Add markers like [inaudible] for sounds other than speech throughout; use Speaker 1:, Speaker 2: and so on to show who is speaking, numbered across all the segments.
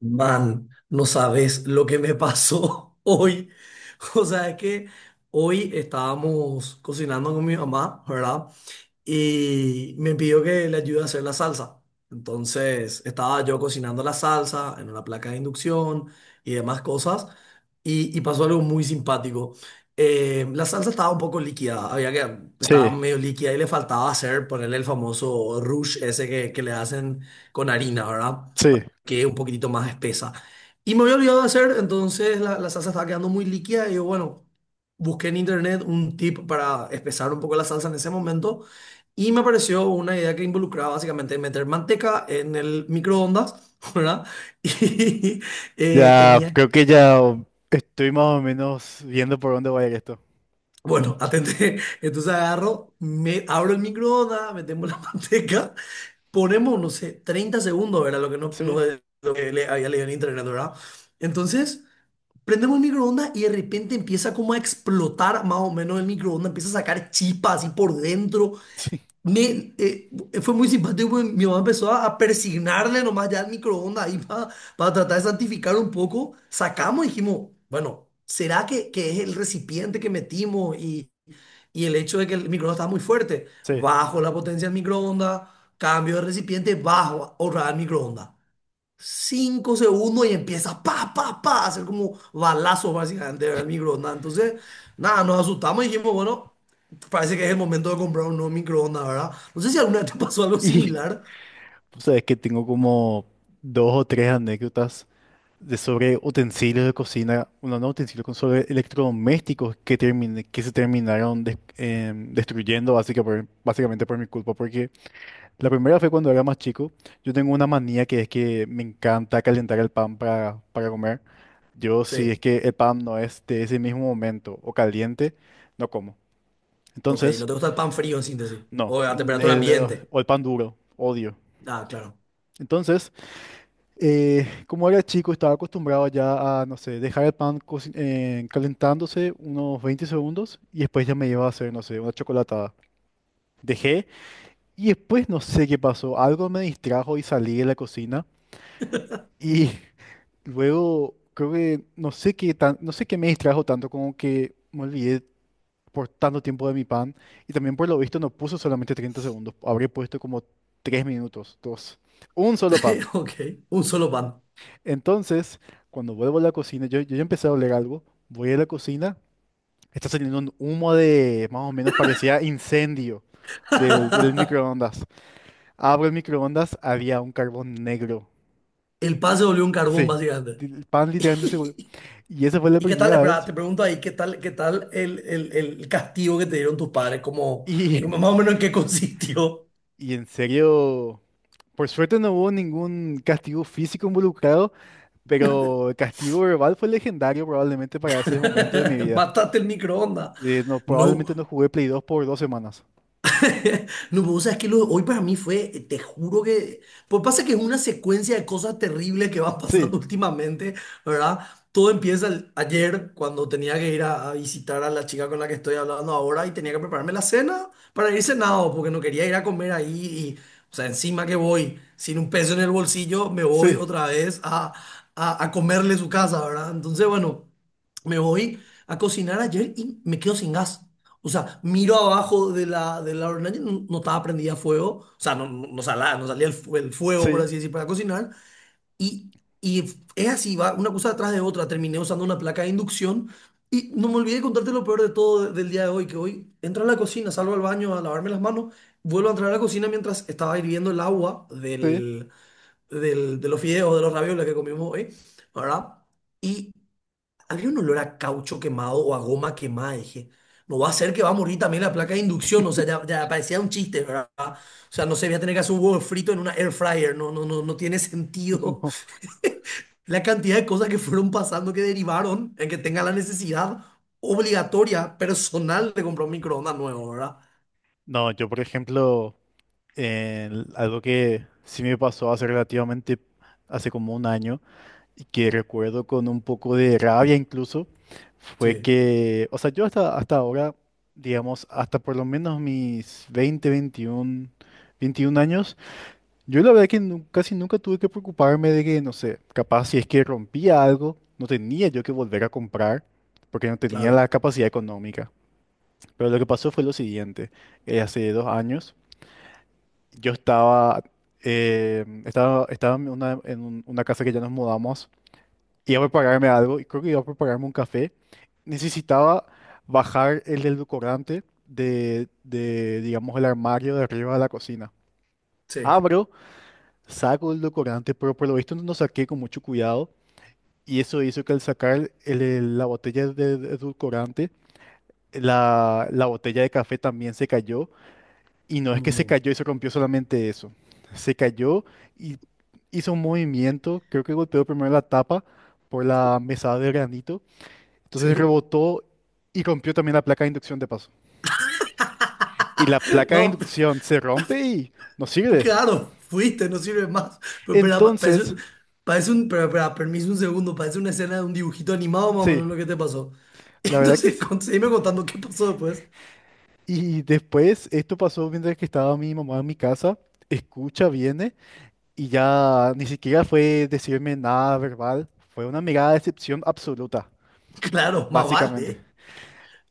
Speaker 1: Man, no sabes lo que me pasó [laughs] hoy. O sea, es que hoy estábamos cocinando con mi mamá, ¿verdad? Y me pidió que le ayude a hacer la salsa. Entonces, estaba yo cocinando la salsa en una placa de inducción y demás cosas. Y pasó algo muy simpático. La salsa estaba un poco líquida, había que, estaba
Speaker 2: Sí,
Speaker 1: medio líquida y le faltaba hacer, ponerle el famoso rush ese que le hacen con harina, ¿verdad?
Speaker 2: sí.
Speaker 1: Que es un poquitito más espesa. Y me había olvidado de hacer, entonces la salsa estaba quedando muy líquida y yo, bueno, busqué en internet un tip para espesar un poco la salsa en ese momento y me apareció una idea que involucraba básicamente meter manteca en el microondas, [laughs] ¿verdad? Y
Speaker 2: Ya,
Speaker 1: tenía...
Speaker 2: creo que ya estoy más o menos viendo por dónde va a ir esto.
Speaker 1: Bueno, atente, entonces agarro, me abro el microondas, metemos la [laughs] manteca, ponemos, no sé, 30 segundos, era lo que
Speaker 2: Sí,
Speaker 1: le había leído en internet, ¿verdad? Entonces, prendemos el microondas y de repente empieza como a explotar más o menos el microondas, empieza a sacar chispas así por dentro.
Speaker 2: [laughs] sí,
Speaker 1: Me, eh, Fue muy simpático, porque mi mamá empezó a persignarle nomás ya al microondas ahí para tratar de santificar un poco. Sacamos y dijimos, bueno, ¿será que es el recipiente que metimos y el hecho de que el microondas estaba muy fuerte?
Speaker 2: sí.
Speaker 1: Bajo la potencia del microondas, cambio de recipiente, bajo, ahorrar el microondas. 5 segundos y empieza pa, pa, pa, a hacer como balazos básicamente, ¿verdad? El microondas. Entonces, nada, nos asustamos y dijimos, bueno, parece que es el momento de comprar un nuevo microondas, ¿verdad? No sé si alguna vez te pasó algo
Speaker 2: Y
Speaker 1: similar.
Speaker 2: sabes que tengo como dos o tres anécdotas de sobre utensilios de cocina, bueno, no utensilios, con sobre electrodomésticos que que se terminaron destruyendo básicamente por mi culpa, porque la primera fue cuando era más chico. Yo tengo una manía que es que me encanta calentar el pan para comer. Yo, si
Speaker 1: Sí,
Speaker 2: es que el pan no es de ese mismo momento o caliente, no como.
Speaker 1: ok, no
Speaker 2: Entonces,
Speaker 1: te gusta el pan frío en síntesis.
Speaker 2: no.
Speaker 1: O a temperatura
Speaker 2: El, eh,
Speaker 1: ambiente.
Speaker 2: o el pan duro, odio.
Speaker 1: Ah, claro.
Speaker 2: Entonces, como era chico, estaba acostumbrado ya a, no sé, dejar el pan calentándose unos 20 segundos y después ya me iba a hacer, no sé, una chocolatada. Dejé y después no sé qué pasó. Algo me distrajo y salí de la cocina. Y [laughs] luego creo que no sé qué me distrajo tanto, como que me olvidé por tanto tiempo de mi pan. Y también por lo visto no puso solamente 30 segundos, habré puesto como 3 minutos, dos. Un solo pan.
Speaker 1: [laughs] Ok, un solo pan.
Speaker 2: Entonces, cuando vuelvo a la cocina, yo ya empecé a oler algo, voy a la cocina, está saliendo un humo de más o menos parecía incendio del
Speaker 1: [laughs]
Speaker 2: microondas. Abro el microondas, había un carbón negro.
Speaker 1: El pan se volvió un carbón
Speaker 2: Sí,
Speaker 1: básicamente.
Speaker 2: el pan literalmente seguro.
Speaker 1: [laughs]
Speaker 2: Y esa fue la
Speaker 1: ¿Y qué tal?
Speaker 2: primera
Speaker 1: Espera,
Speaker 2: vez.
Speaker 1: te pregunto ahí, ¿qué tal el castigo que te dieron tus padres? Como, más
Speaker 2: Y,
Speaker 1: o menos en qué [laughs] consistió.
Speaker 2: y en serio, por suerte no hubo ningún castigo físico involucrado, pero el castigo verbal fue legendario probablemente para ese momento de mi
Speaker 1: [laughs]
Speaker 2: vida.
Speaker 1: Mataste el microondas.
Speaker 2: No,
Speaker 1: No,
Speaker 2: probablemente no jugué Play 2 por 2 semanas.
Speaker 1: [laughs] no, vos sabés que lo de hoy para mí fue, te juro que, pues pasa que es una secuencia de cosas terribles que van
Speaker 2: Sí,
Speaker 1: pasando [laughs] últimamente, ¿verdad? Todo empieza ayer cuando tenía que ir a visitar a la chica con la que estoy hablando ahora y tenía que prepararme la cena para ir cenado porque no quería ir a comer ahí y, o sea, encima que voy sin un peso en el bolsillo, me voy
Speaker 2: sí,
Speaker 1: otra vez a comerle su casa, ¿verdad? Entonces, bueno, me voy a cocinar ayer y me quedo sin gas. O sea, miro abajo de la hornalla, y no estaba prendida a fuego, o sea, no salía el fuego, por
Speaker 2: sí,
Speaker 1: así decir, para cocinar, y, y es así, va una cosa detrás de otra, terminé usando una placa de inducción, y no me olvidé de contarte lo peor de todo del día de hoy, que hoy entro a la cocina, salgo al baño a lavarme las manos, vuelvo a entrar a la cocina mientras estaba hirviendo el agua
Speaker 2: sí,
Speaker 1: de los fideos, de los ravioles que comimos hoy, ¿verdad? Y había un olor a caucho quemado o a goma quemada. Dije, no va a ser que va a morir también la placa de inducción. O sea, ya parecía un chiste, ¿verdad? O sea, no se voy a tener que hacer un huevo frito en una air fryer. No, no, no, no tiene
Speaker 2: [laughs]
Speaker 1: sentido.
Speaker 2: no.
Speaker 1: [laughs] La cantidad de cosas que fueron pasando que derivaron en que tenga la necesidad obligatoria, personal, de comprar un microondas nuevo, ¿verdad?
Speaker 2: No, yo por ejemplo, algo que sí me pasó hace relativamente, hace como un año, y que recuerdo con un poco de rabia incluso, fue
Speaker 1: Sí,
Speaker 2: que, o sea, yo hasta ahora, digamos, hasta por lo menos mis 20 21, 21 años, yo la verdad que casi nunca tuve que preocuparme de que, no sé, capaz si es que rompía algo, no tenía yo que volver a comprar, porque no tenía
Speaker 1: claro.
Speaker 2: la capacidad económica. Pero lo que pasó fue lo siguiente, hace 2 años, yo estaba, estaba en una una casa que ya nos mudamos, iba a prepararme algo y creo que iba a prepararme un café. Necesitaba bajar el edulcorante de digamos, el armario de arriba de la cocina.
Speaker 1: Sí.
Speaker 2: Abro, saco el edulcorante, pero por lo visto no saqué con mucho cuidado y eso hizo que al sacar la botella de edulcorante, la botella de café también se cayó, y no es que se
Speaker 1: Mm,
Speaker 2: cayó y se rompió solamente eso. Se cayó y hizo un movimiento, creo que golpeó primero la tapa por la mesada de granito. Entonces
Speaker 1: sí.
Speaker 2: rebotó y rompió también la placa de inducción de paso. Y la
Speaker 1: [laughs]
Speaker 2: placa de
Speaker 1: No,
Speaker 2: inducción se rompe y no sirve.
Speaker 1: claro, fuiste, no sirve más. Pero, pero parece,
Speaker 2: Entonces,
Speaker 1: pero, permiso un segundo, parece una escena de un dibujito animado, más o
Speaker 2: sí,
Speaker 1: menos lo que te pasó. [laughs]
Speaker 2: la verdad que
Speaker 1: Entonces,
Speaker 2: sí.
Speaker 1: seguime contando qué pasó después.
Speaker 2: Y después esto pasó mientras que estaba mi mamá en mi casa. Escucha, viene y ya ni siquiera fue decirme nada verbal. Fue una mirada de decepción absoluta,
Speaker 1: Claro, más
Speaker 2: básicamente.
Speaker 1: vale.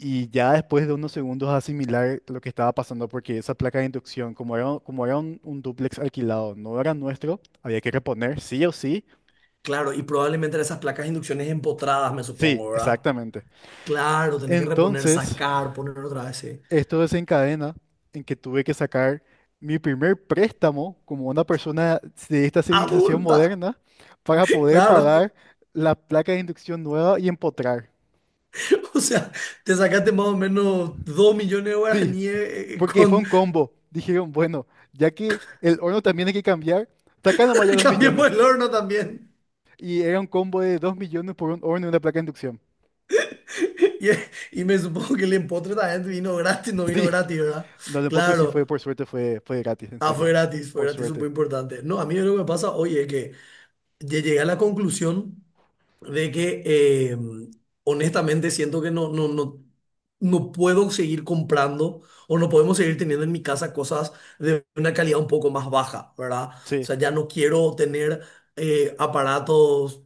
Speaker 2: Y ya después de unos segundos asimilar lo que estaba pasando, porque esa placa de inducción, como era un dúplex alquilado, no era nuestro, había que reponer sí o sí.
Speaker 1: Claro, y probablemente eran esas placas de inducciones empotradas, me
Speaker 2: Sí,
Speaker 1: supongo, ¿verdad?
Speaker 2: exactamente.
Speaker 1: Claro, tenés que reponer,
Speaker 2: Entonces,
Speaker 1: sacar, poner otra vez, sí.
Speaker 2: esto desencadena en que tuve que sacar mi primer préstamo como una persona de esta civilización
Speaker 1: Adulta.
Speaker 2: moderna para
Speaker 1: [laughs]
Speaker 2: poder
Speaker 1: Claro,
Speaker 2: pagar la placa de inducción nueva y empotrar.
Speaker 1: o sea, te sacaste más o menos 2 millones de
Speaker 2: Sí,
Speaker 1: guaraníes
Speaker 2: porque fue
Speaker 1: con...
Speaker 2: un combo. Dijeron, bueno, ya que el horno también hay que cambiar, saca nomás ya
Speaker 1: [laughs]
Speaker 2: 2 millones.
Speaker 1: Cambiemos el horno también.
Speaker 2: Y era un combo de 2 millones por un horno y una placa de inducción.
Speaker 1: Y, y me supongo que el empotre también vino gratis, no vino
Speaker 2: Sí,
Speaker 1: gratis, ¿verdad?
Speaker 2: no, el empotro sí fue,
Speaker 1: Claro.
Speaker 2: por suerte, fue gratis, en
Speaker 1: Ah,
Speaker 2: serio.
Speaker 1: fue
Speaker 2: Por
Speaker 1: gratis, eso es
Speaker 2: suerte.
Speaker 1: muy importante. No, a mí lo que me pasa hoy es que llegué a la conclusión de que honestamente siento que no puedo seguir comprando o no podemos seguir teniendo en mi casa cosas de una calidad un poco más baja, ¿verdad? O
Speaker 2: Sí,
Speaker 1: sea, ya no quiero tener aparatos,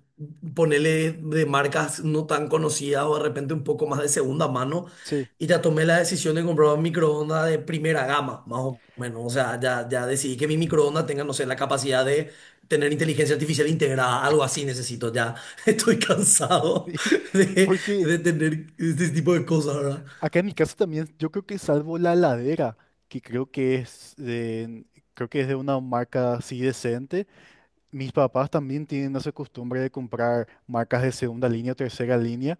Speaker 1: ponerle de marcas no tan conocidas o de repente un poco más de segunda mano.
Speaker 2: sí.
Speaker 1: Y ya tomé la decisión de comprar un microondas de primera gama, más o menos. O sea, ya decidí que mi microondas tenga, no sé, la capacidad de tener inteligencia artificial integrada, algo así necesito ya. [laughs] Estoy cansado
Speaker 2: Sí,
Speaker 1: de,
Speaker 2: porque
Speaker 1: de tener este tipo de cosas, ¿verdad?
Speaker 2: acá en mi caso también, yo creo que salvo la heladera, que creo que es de una marca así decente, mis papás también tienen esa costumbre de comprar marcas de segunda línea o tercera línea,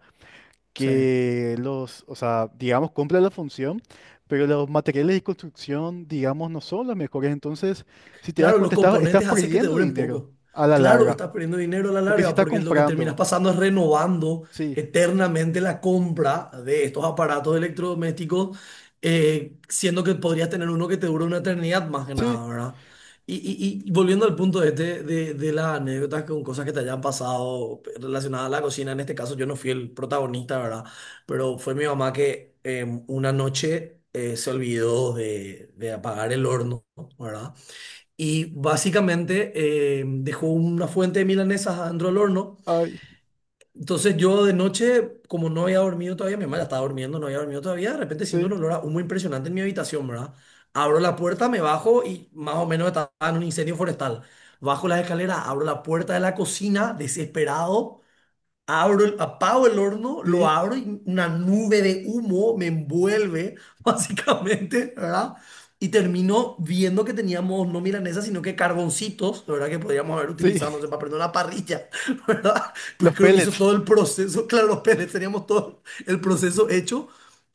Speaker 1: Sí.
Speaker 2: que los, o sea, digamos, cumplen la función, pero los materiales de construcción, digamos, no son los mejores. Entonces, si te das
Speaker 1: Claro, los
Speaker 2: cuenta, estás
Speaker 1: componentes hacen que te
Speaker 2: perdiendo
Speaker 1: duren
Speaker 2: dinero
Speaker 1: poco.
Speaker 2: a la
Speaker 1: Claro,
Speaker 2: larga,
Speaker 1: estás perdiendo dinero a la
Speaker 2: porque si
Speaker 1: larga
Speaker 2: estás
Speaker 1: porque lo que terminas
Speaker 2: comprando,
Speaker 1: pasando es renovando
Speaker 2: sí,
Speaker 1: eternamente la compra de estos aparatos electrodomésticos, siendo que podrías tener uno que te dure una eternidad más que
Speaker 2: sí,
Speaker 1: nada, ¿verdad? Y volviendo al punto este de las anécdotas con cosas que te hayan pasado relacionadas a la cocina, en este caso yo no fui el protagonista, ¿verdad? Pero fue mi mamá que una noche se olvidó de apagar el horno, ¿verdad? Y básicamente dejó una fuente de milanesas adentro del horno.
Speaker 2: ay,
Speaker 1: Entonces yo de noche, como no había dormido todavía, mi mamá ya estaba durmiendo, no había dormido todavía, de repente siento
Speaker 2: sí,
Speaker 1: un olor a humo impresionante en mi habitación, ¿verdad? Abro la puerta, me bajo y más o menos estaba en un incendio forestal. Bajo las escaleras, abro la puerta de la cocina, desesperado, abro, apago el horno, lo
Speaker 2: sí,
Speaker 1: abro y una nube de humo me envuelve, [laughs] básicamente, ¿verdad? Y termino viendo que teníamos no milanesas, sino que carboncitos, ¿verdad? Que podríamos haber utilizado, no
Speaker 2: sí.
Speaker 1: sé, para prender una parrilla, [laughs] ¿verdad? Pues
Speaker 2: Los
Speaker 1: creo que hizo
Speaker 2: pellets,
Speaker 1: todo el proceso, [laughs] claro, los pellets teníamos todo el proceso hecho.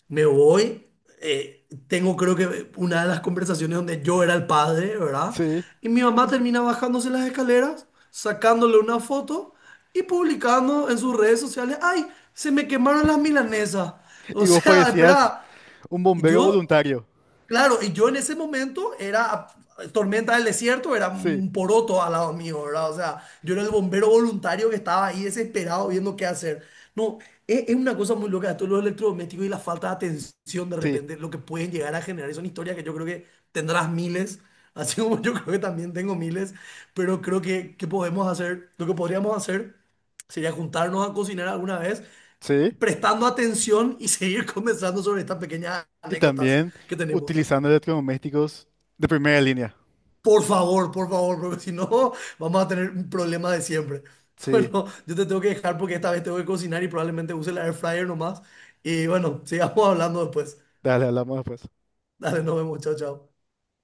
Speaker 1: Me voy, tengo creo que una de las conversaciones donde yo era el padre, ¿verdad?
Speaker 2: sí.
Speaker 1: Y mi mamá termina bajándose las escaleras, sacándole una foto y publicando en sus redes sociales, ¡ay! Se me quemaron las milanesas. O
Speaker 2: Y vos
Speaker 1: sea, [laughs]
Speaker 2: parecías
Speaker 1: espera.
Speaker 2: un bombero
Speaker 1: Yo
Speaker 2: voluntario,
Speaker 1: Claro, y yo en ese momento era tormenta del desierto, era
Speaker 2: sí,
Speaker 1: un poroto al lado mío, ¿verdad? O sea, yo era el bombero voluntario que estaba ahí desesperado viendo qué hacer. No, es una cosa muy loca, esto de los electrodomésticos y la falta de atención de
Speaker 2: sí,
Speaker 1: repente, lo que pueden llegar a generar. Y son historias que yo creo que tendrás miles, [laughs] así como yo creo que también tengo miles, pero creo que podemos hacer, lo que podríamos hacer sería juntarnos a cocinar alguna vez,
Speaker 2: sí.
Speaker 1: prestando atención y seguir [laughs] conversando sobre estas pequeñas
Speaker 2: Y
Speaker 1: anécdotas
Speaker 2: también
Speaker 1: que tenemos.
Speaker 2: utilizando electrodomésticos de primera línea,
Speaker 1: Por favor, porque si no vamos a tener un problema de siempre. [laughs]
Speaker 2: sí.
Speaker 1: Bueno, yo te tengo que dejar porque esta vez tengo que cocinar y probablemente use el air fryer nomás. Y bueno, sigamos hablando después.
Speaker 2: Dale, hablamos después.
Speaker 1: Dale, nos vemos, chao, chao.